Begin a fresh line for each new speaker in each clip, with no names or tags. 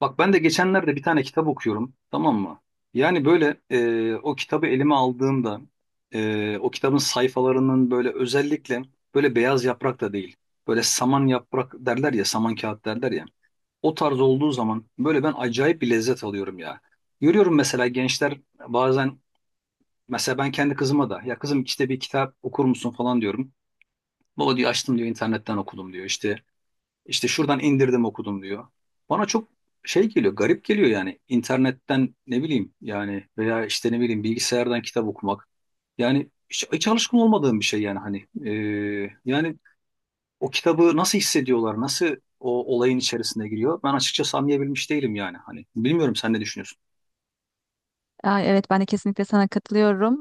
Bak ben de geçenlerde bir tane kitap okuyorum, tamam mı? Yani böyle o kitabı elime aldığımda o kitabın sayfalarının böyle özellikle böyle beyaz yaprak da değil. Böyle saman yaprak derler ya, saman kağıt derler ya. O tarz olduğu zaman böyle ben acayip bir lezzet alıyorum ya. Görüyorum mesela gençler bazen, mesela ben kendi kızıma da ya kızım işte bir kitap okur musun falan diyorum. Baba diyor, açtım diyor, internetten okudum diyor işte. İşte şuradan indirdim okudum diyor. Bana çok şey geliyor, garip geliyor yani. İnternetten ne bileyim yani, veya işte ne bileyim bilgisayardan kitap okumak. Yani hiç alışkın olmadığım bir şey yani hani. Yani o kitabı nasıl hissediyorlar, nasıl o olayın içerisine giriyor? Ben açıkçası anlayabilmiş değilim yani hani. Bilmiyorum sen ne düşünüyorsun?
Ay, evet ben de kesinlikle sana katılıyorum.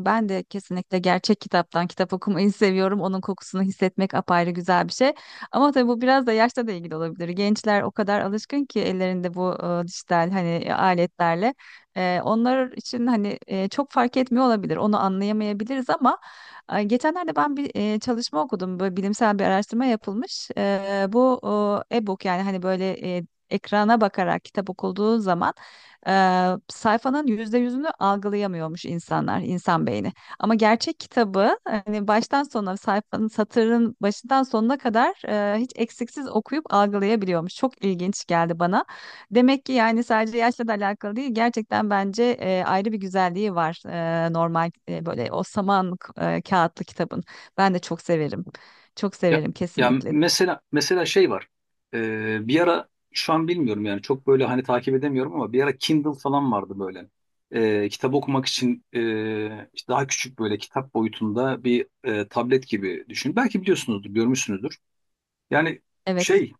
Ben de kesinlikle gerçek kitaptan kitap okumayı seviyorum. Onun kokusunu hissetmek apayrı güzel bir şey. Ama tabii bu biraz da yaşla da ilgili olabilir. Gençler o kadar alışkın ki ellerinde bu dijital hani aletlerle. Onlar için hani çok fark etmiyor olabilir. Onu anlayamayabiliriz ama geçenlerde ben bir çalışma okudum. Böyle bilimsel bir araştırma yapılmış. Bu e-book yani hani böyle ekrana bakarak kitap okulduğu zaman e, sayfanın %100'ünü algılayamıyormuş insanlar, insan beyni. Ama gerçek kitabı hani baştan sona sayfanın, satırın başından sonuna kadar hiç eksiksiz okuyup algılayabiliyormuş. Çok ilginç geldi bana. Demek ki yani sadece yaşla da alakalı değil. Gerçekten bence ayrı bir güzelliği var normal, böyle o saman kağıtlı kitabın. Ben de çok severim. Çok
Ya,
severim
ya,
kesinlikle.
mesela şey var. Bir ara şu an bilmiyorum yani çok böyle hani takip edemiyorum, ama bir ara Kindle falan vardı böyle. Kitap okumak için işte daha küçük böyle kitap boyutunda bir tablet gibi düşün. Belki biliyorsunuzdur, görmüşsünüzdür. Yani
Evet.
şey,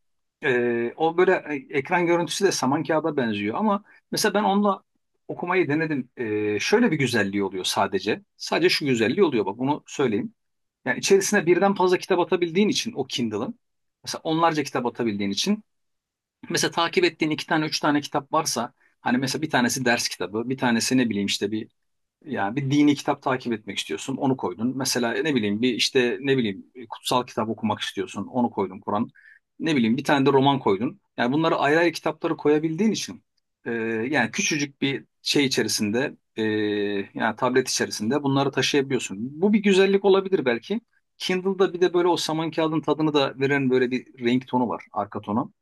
o böyle ekran görüntüsü de saman kağıda benziyor ama mesela ben onunla okumayı denedim. Şöyle bir güzelliği oluyor sadece. Sadece şu güzelliği oluyor bak bunu söyleyeyim. Yani içerisine birden fazla kitap atabildiğin için o Kindle'ın, mesela onlarca kitap atabildiğin için, mesela takip ettiğin iki tane üç tane kitap varsa, hani mesela bir tanesi ders kitabı bir tanesi ne bileyim işte bir, yani bir dini kitap takip etmek istiyorsun, onu koydun. Mesela ne bileyim bir işte ne bileyim kutsal kitap okumak istiyorsun, onu koydun Kur'an. Ne bileyim bir tane de roman koydun. Yani bunları ayrı ayrı kitapları koyabildiğin için, e, yani küçücük bir şey içerisinde, yani tablet içerisinde bunları taşıyabiliyorsun. Bu bir güzellik olabilir belki. Kindle'da bir de böyle o saman kağıdın tadını da veren böyle bir renk tonu var, arka tonu.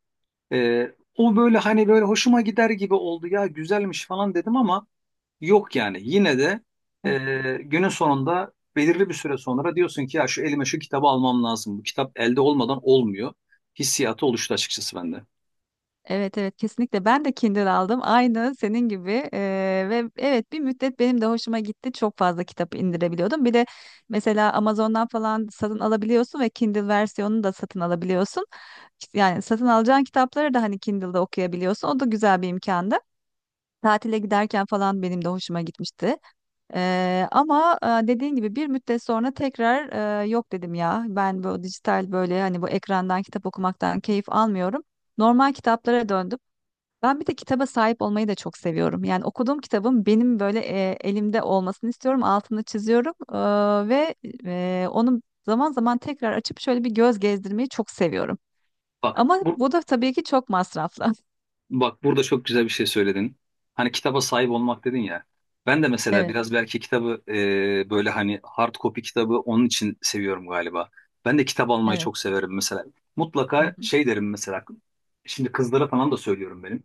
E, O böyle hani böyle hoşuma gider gibi oldu, ya güzelmiş falan dedim ama yok, yani yine de günün sonunda belirli bir süre sonra diyorsun ki ya şu elime şu kitabı almam lazım. Bu kitap elde olmadan olmuyor. Hissiyatı oluştu açıkçası bende.
Evet, evet, kesinlikle ben de Kindle aldım aynı senin gibi. Ve evet, bir müddet benim de hoşuma gitti, çok fazla kitap indirebiliyordum. Bir de mesela Amazon'dan falan satın alabiliyorsun ve Kindle versiyonunu da satın alabiliyorsun. İşte, yani satın alacağın kitapları da hani Kindle'da okuyabiliyorsun, o da güzel bir imkandı. Tatile giderken falan benim de hoşuma gitmişti. Ama dediğin gibi bir müddet sonra tekrar yok dedim ya. Ben bu dijital, böyle hani bu ekrandan kitap okumaktan keyif almıyorum. Normal kitaplara döndüm. Ben bir de kitaba sahip olmayı da çok seviyorum. Yani okuduğum kitabın benim böyle elimde olmasını istiyorum. Altını çiziyorum. Ve onu zaman zaman tekrar açıp şöyle bir göz gezdirmeyi çok seviyorum.
Bak
Ama
bu
bu da tabii ki çok masraflı.
bak burada çok güzel bir şey söyledin. Hani kitaba sahip olmak dedin ya. Ben de mesela
Evet,
biraz belki kitabı böyle hani hard copy kitabı onun için seviyorum galiba. Ben de kitap almayı çok
evet.
severim mesela.
Hı
Mutlaka
hı.
şey derim mesela. Şimdi kızlara falan da söylüyorum benim.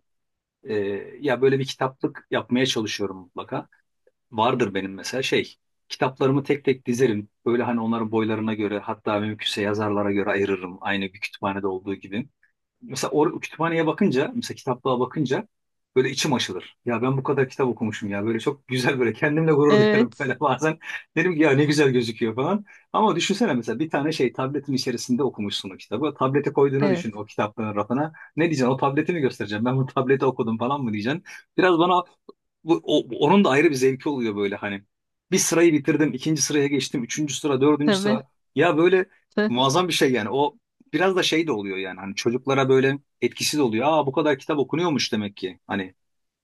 E, Ya böyle bir kitaplık yapmaya çalışıyorum mutlaka. Vardır benim mesela şey. Kitaplarımı tek tek dizerim. Böyle hani onların boylarına göre, hatta mümkünse yazarlara göre ayırırım. Aynı bir kütüphanede olduğu gibi, mesela or kütüphaneye bakınca, mesela kitaplığa bakınca böyle içim açılır. Ya ben bu kadar kitap okumuşum ya. Böyle çok güzel, böyle kendimle gurur duyuyorum
Evet,
böyle bazen. Dedim ki ya ne güzel gözüküyor falan. Ama düşünsene, mesela bir tane şey tabletin içerisinde okumuşsun o kitabı. Tablete koyduğunu
evet.
düşün o kitaplığın rafına. Ne diyeceksin? O tableti mi göstereceğim? Ben bu tableti okudum falan mı diyeceksin? Biraz bana onun da ayrı bir zevki oluyor böyle hani. Bir sırayı bitirdim, ikinci sıraya geçtim, üçüncü sıra, dördüncü
Tabii,
sıra. Ya böyle
tı-
muazzam bir şey yani. O biraz da şey de oluyor yani hani çocuklara böyle etkisiz oluyor. Aa bu kadar kitap okunuyormuş demek ki. Hani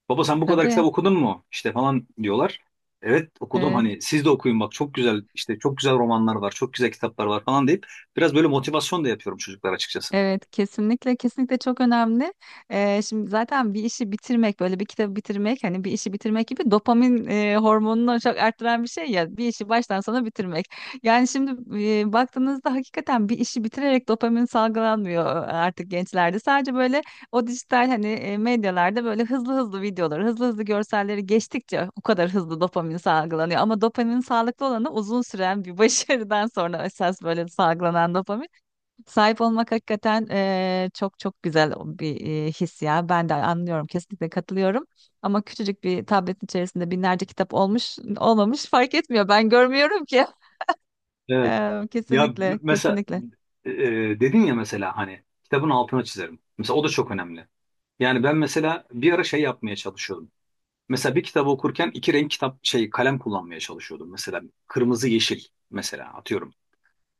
baba sen bu kadar kitap
tabii,
okudun mu? İşte falan diyorlar. Evet okudum,
evet.
hani siz de okuyun bak, çok güzel işte çok güzel romanlar var, çok güzel kitaplar var falan deyip biraz böyle motivasyon da yapıyorum çocuklar açıkçası.
Evet, kesinlikle kesinlikle çok önemli. Şimdi zaten bir işi bitirmek, böyle bir kitabı bitirmek, hani bir işi bitirmek gibi dopamin hormonunu çok arttıran bir şey ya, bir işi baştan sona bitirmek. Yani şimdi baktığınızda hakikaten bir işi bitirerek dopamin salgılanmıyor artık gençlerde. Sadece böyle o dijital hani medyalarda böyle hızlı hızlı videoları, hızlı hızlı görselleri geçtikçe o kadar hızlı dopamin salgılanıyor. Ama dopaminin sağlıklı olanı uzun süren bir başarıdan sonra esas böyle salgılanan dopamin. Sahip olmak hakikaten çok çok güzel o bir his ya. Ben de anlıyorum, kesinlikle katılıyorum. Ama küçücük bir tabletin içerisinde binlerce kitap olmuş, olmamış fark etmiyor. Ben görmüyorum ki.
Evet, ya
Kesinlikle,
mesela
kesinlikle.
e, dedin ya mesela hani kitabın altına çizerim. Mesela o da çok önemli. Yani ben mesela bir ara şey yapmaya çalışıyordum. Mesela bir kitabı okurken iki renk kitap şey kalem kullanmaya çalışıyordum. Mesela kırmızı, yeşil mesela, atıyorum.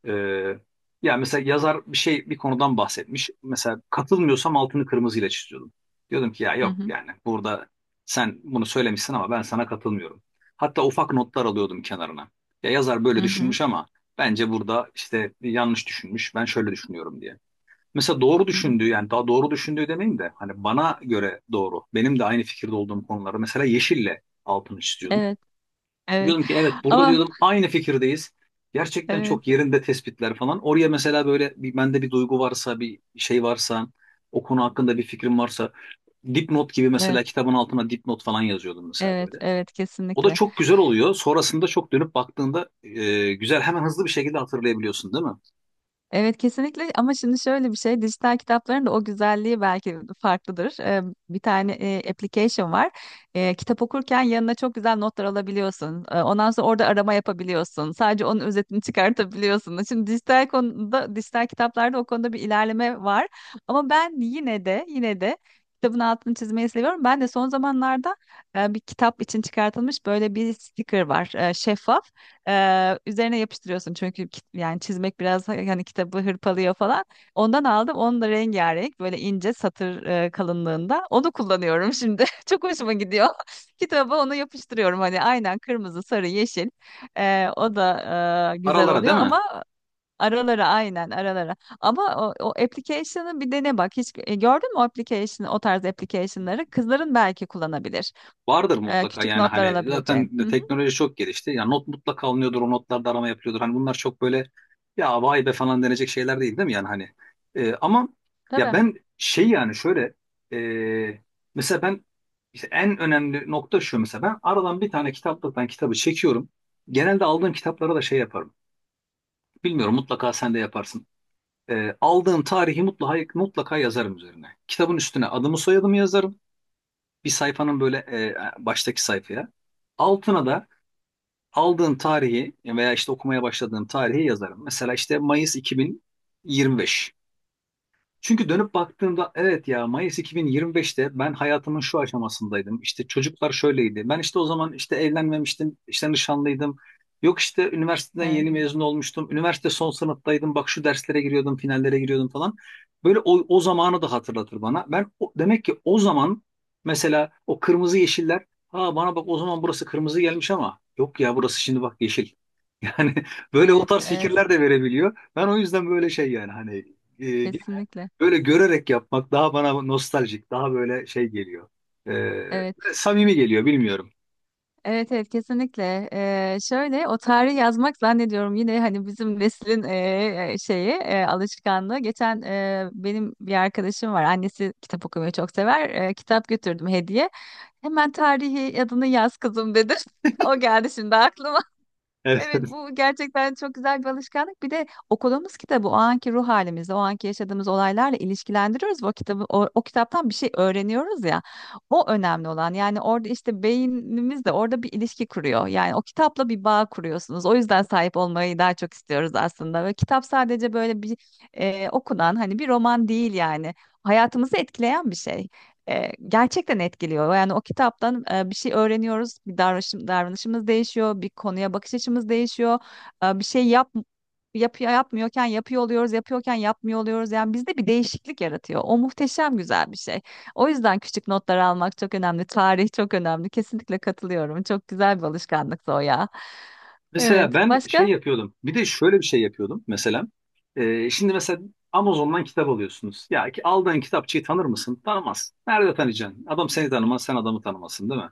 Ee, Ya mesela yazar bir şey bir konudan bahsetmiş. Mesela katılmıyorsam altını kırmızıyla çiziyordum. Diyordum ki ya
Hı
yok
hı,
yani burada sen bunu söylemişsin ama ben sana katılmıyorum. Hatta ufak notlar alıyordum kenarına. Ya yazar
hı
böyle
hı,
düşünmüş ama bence burada işte yanlış düşünmüş. Ben şöyle düşünüyorum diye. Mesela doğru
hı hı.
düşündüğü, yani daha doğru düşündüğü demeyeyim de hani bana göre doğru, benim de aynı fikirde olduğum konuları mesela yeşille altını çiziyordum.
Evet, evet.
Diyordum ki evet, burada
Ama
diyordum aynı fikirdeyiz. Gerçekten
evet,
çok yerinde tespitler falan. Oraya mesela böyle bir, bende bir duygu varsa, bir şey varsa, o konu hakkında bir fikrim varsa, dipnot gibi mesela
evet,
kitabın altına dipnot falan yazıyordum mesela
evet,
böyle.
evet,
O da
kesinlikle.
çok güzel oluyor. Sonrasında çok dönüp baktığında güzel hemen hızlı bir şekilde hatırlayabiliyorsun değil mi?
Evet, kesinlikle. Ama şimdi şöyle bir şey, dijital kitapların da o güzelliği belki farklıdır. Bir tane application var. Kitap okurken yanına çok güzel notlar alabiliyorsun. Ondan sonra orada arama yapabiliyorsun. Sadece onun özetini çıkartabiliyorsun. Şimdi dijital konuda, dijital kitaplarda o konuda bir ilerleme var. Ama ben yine de yine de kitabın altını çizmeyi seviyorum. Ben de son zamanlarda bir kitap için çıkartılmış böyle bir sticker var. Şeffaf. Üzerine yapıştırıyorsun çünkü yani çizmek biraz hani kitabı hırpalıyor falan. Ondan aldım. Onun da rengarenk, böyle ince satır kalınlığında. Onu kullanıyorum şimdi. Çok hoşuma gidiyor. Kitaba onu yapıştırıyorum hani, aynen kırmızı, sarı, yeşil. O da güzel
Aralara
oluyor
değil mi?
ama aralara, aynen aralara. Ama o application'ı bir dene bak. Hiç gördün mü o application, o tarz application'ları? Kızların belki kullanabilir.
Vardır mutlaka,
Küçük
yani
notlar
hani
alabileceğin.
zaten de
Hı hı,
teknoloji çok gelişti. Ya not mutlaka alınıyordur, o notlarda arama yapılıyordur. Hani bunlar çok böyle ya vay be falan denecek şeyler değil, değil mi yani hani. Ama ya
tabii.
ben şey yani şöyle, e, mesela ben işte en önemli nokta şu: mesela ben aradan bir tane kitaplıktan kitabı çekiyorum. Genelde aldığım kitaplara da şey yaparım. Bilmiyorum, mutlaka sen de yaparsın. Aldığım tarihi mutlaka yazarım üzerine. Kitabın üstüne adımı soyadımı yazarım. Bir sayfanın böyle baştaki sayfaya. Altına da aldığın tarihi veya işte okumaya başladığım tarihi yazarım. Mesela işte Mayıs 2025. Çünkü dönüp baktığımda evet, ya Mayıs 2025'te ben hayatımın şu aşamasındaydım. İşte çocuklar şöyleydi. Ben işte o zaman işte evlenmemiştim, işte nişanlıydım. Yok işte üniversiteden
Evet,
yeni mezun olmuştum. Üniversite son sınıftaydım. Bak şu derslere giriyordum, finallere giriyordum falan. Böyle o zamanı da hatırlatır bana. Demek ki o zaman mesela o kırmızı yeşiller, ha bana bak o zaman burası kırmızı gelmiş ama yok ya burası şimdi bak yeşil. Yani böyle o tarz
evet,
fikirler de verebiliyor. Ben o yüzden böyle
evet.
şey, yani hani e,
Kesinlikle.
böyle görerek yapmak daha bana nostaljik, daha böyle şey geliyor.
Evet.
Ee, Samimi geliyor, bilmiyorum.
Evet, evet kesinlikle. Şöyle o tarihi yazmak zannediyorum yine hani bizim neslin şeyi, alışkanlığı. Geçen benim bir arkadaşım var. Annesi kitap okumayı çok sever. Kitap götürdüm hediye. Hemen tarihi, adını yaz kızım dedi. O geldi şimdi aklıma.
Evet.
Evet, bu gerçekten çok güzel bir alışkanlık. Bir de okuduğumuz kitabı o anki ruh halimizle, o anki yaşadığımız olaylarla ilişkilendiriyoruz. Ve o kitabı, o kitaptan bir şey öğreniyoruz ya. O önemli olan. Yani orada işte beynimiz de orada bir ilişki kuruyor. Yani o kitapla bir bağ kuruyorsunuz. O yüzden sahip olmayı daha çok istiyoruz aslında. Ve kitap sadece böyle bir okunan hani bir roman değil yani. Hayatımızı etkileyen bir şey, gerçekten etkiliyor. Yani o kitaptan bir şey öğreniyoruz, davranışımız değişiyor, bir konuya bakış açımız değişiyor. Bir şey yapıyor yapmıyorken yapıyor oluyoruz, yapıyorken yapmıyor oluyoruz. Yani bizde bir değişiklik yaratıyor. O muhteşem güzel bir şey. O yüzden küçük notlar almak çok önemli. Tarih çok önemli. Kesinlikle katılıyorum. Çok güzel bir alışkanlıktı o ya.
Mesela
Evet.
ben şey
Başka?
yapıyordum. Bir de şöyle bir şey yapıyordum mesela. Şimdi mesela Amazon'dan kitap alıyorsunuz. Ya ki aldığın kitapçıyı tanır mısın? Tanımaz. Nerede tanıyacaksın? Adam seni tanımaz, sen adamı tanımasın, değil mi?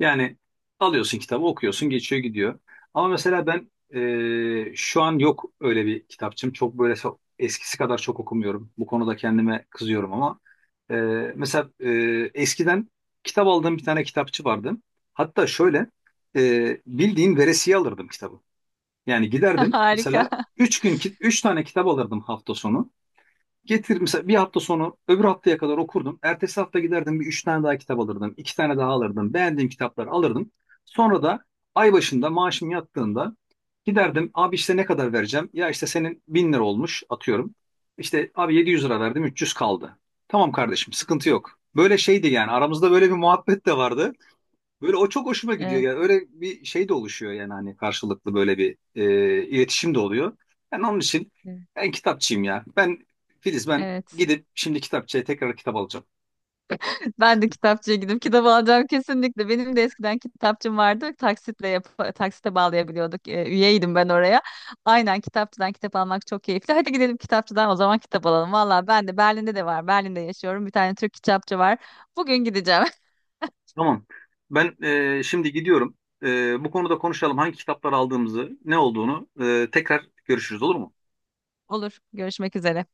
Yani alıyorsun kitabı, okuyorsun, geçiyor gidiyor. Ama mesela ben şu an yok öyle bir kitapçım. Çok böyle eskisi kadar çok okumuyorum. Bu konuda kendime kızıyorum ama, e, mesela e, eskiden kitap aldığım bir tane kitapçı vardı. Hatta şöyle, bildiğin veresiye alırdım kitabı. Yani giderdim
Harika.
mesela üç tane kitap alırdım hafta sonu. Getir mesela, bir hafta sonu öbür haftaya kadar okurdum. Ertesi hafta giderdim bir üç tane daha kitap alırdım. İki tane daha alırdım. Beğendiğim kitapları alırdım. Sonra da ay başında maaşım yattığında giderdim. Abi işte ne kadar vereceğim? Ya işte senin bin lira olmuş atıyorum. İşte abi 700 lira verdim, 300 kaldı. Tamam kardeşim, sıkıntı yok. Böyle şeydi yani, aramızda böyle bir muhabbet de vardı. Böyle o çok hoşuma gidiyor
Evet.
yani, öyle bir şey de oluşuyor yani hani, karşılıklı böyle bir iletişim de oluyor. Yani onun için ben kitapçıyım ya. Ben Filiz, ben
Evet.
gidip şimdi kitapçıya tekrar kitap alacağım.
Ben de kitapçıya gidip kitap alacağım kesinlikle. Benim de eskiden kitapçım vardı. Taksitle yap Taksite bağlayabiliyorduk. Üyeydim ben oraya. Aynen kitapçıdan kitap almak çok keyifli. Hadi gidelim kitapçıdan o zaman kitap alalım. Valla ben de Berlin'de de var. Berlin'de yaşıyorum. Bir tane Türk kitapçı var. Bugün gideceğim.
Tamam. Ben Şimdi gidiyorum. Bu konuda konuşalım, hangi kitaplar aldığımızı, ne olduğunu, tekrar görüşürüz, olur mu?
Olur. Görüşmek üzere.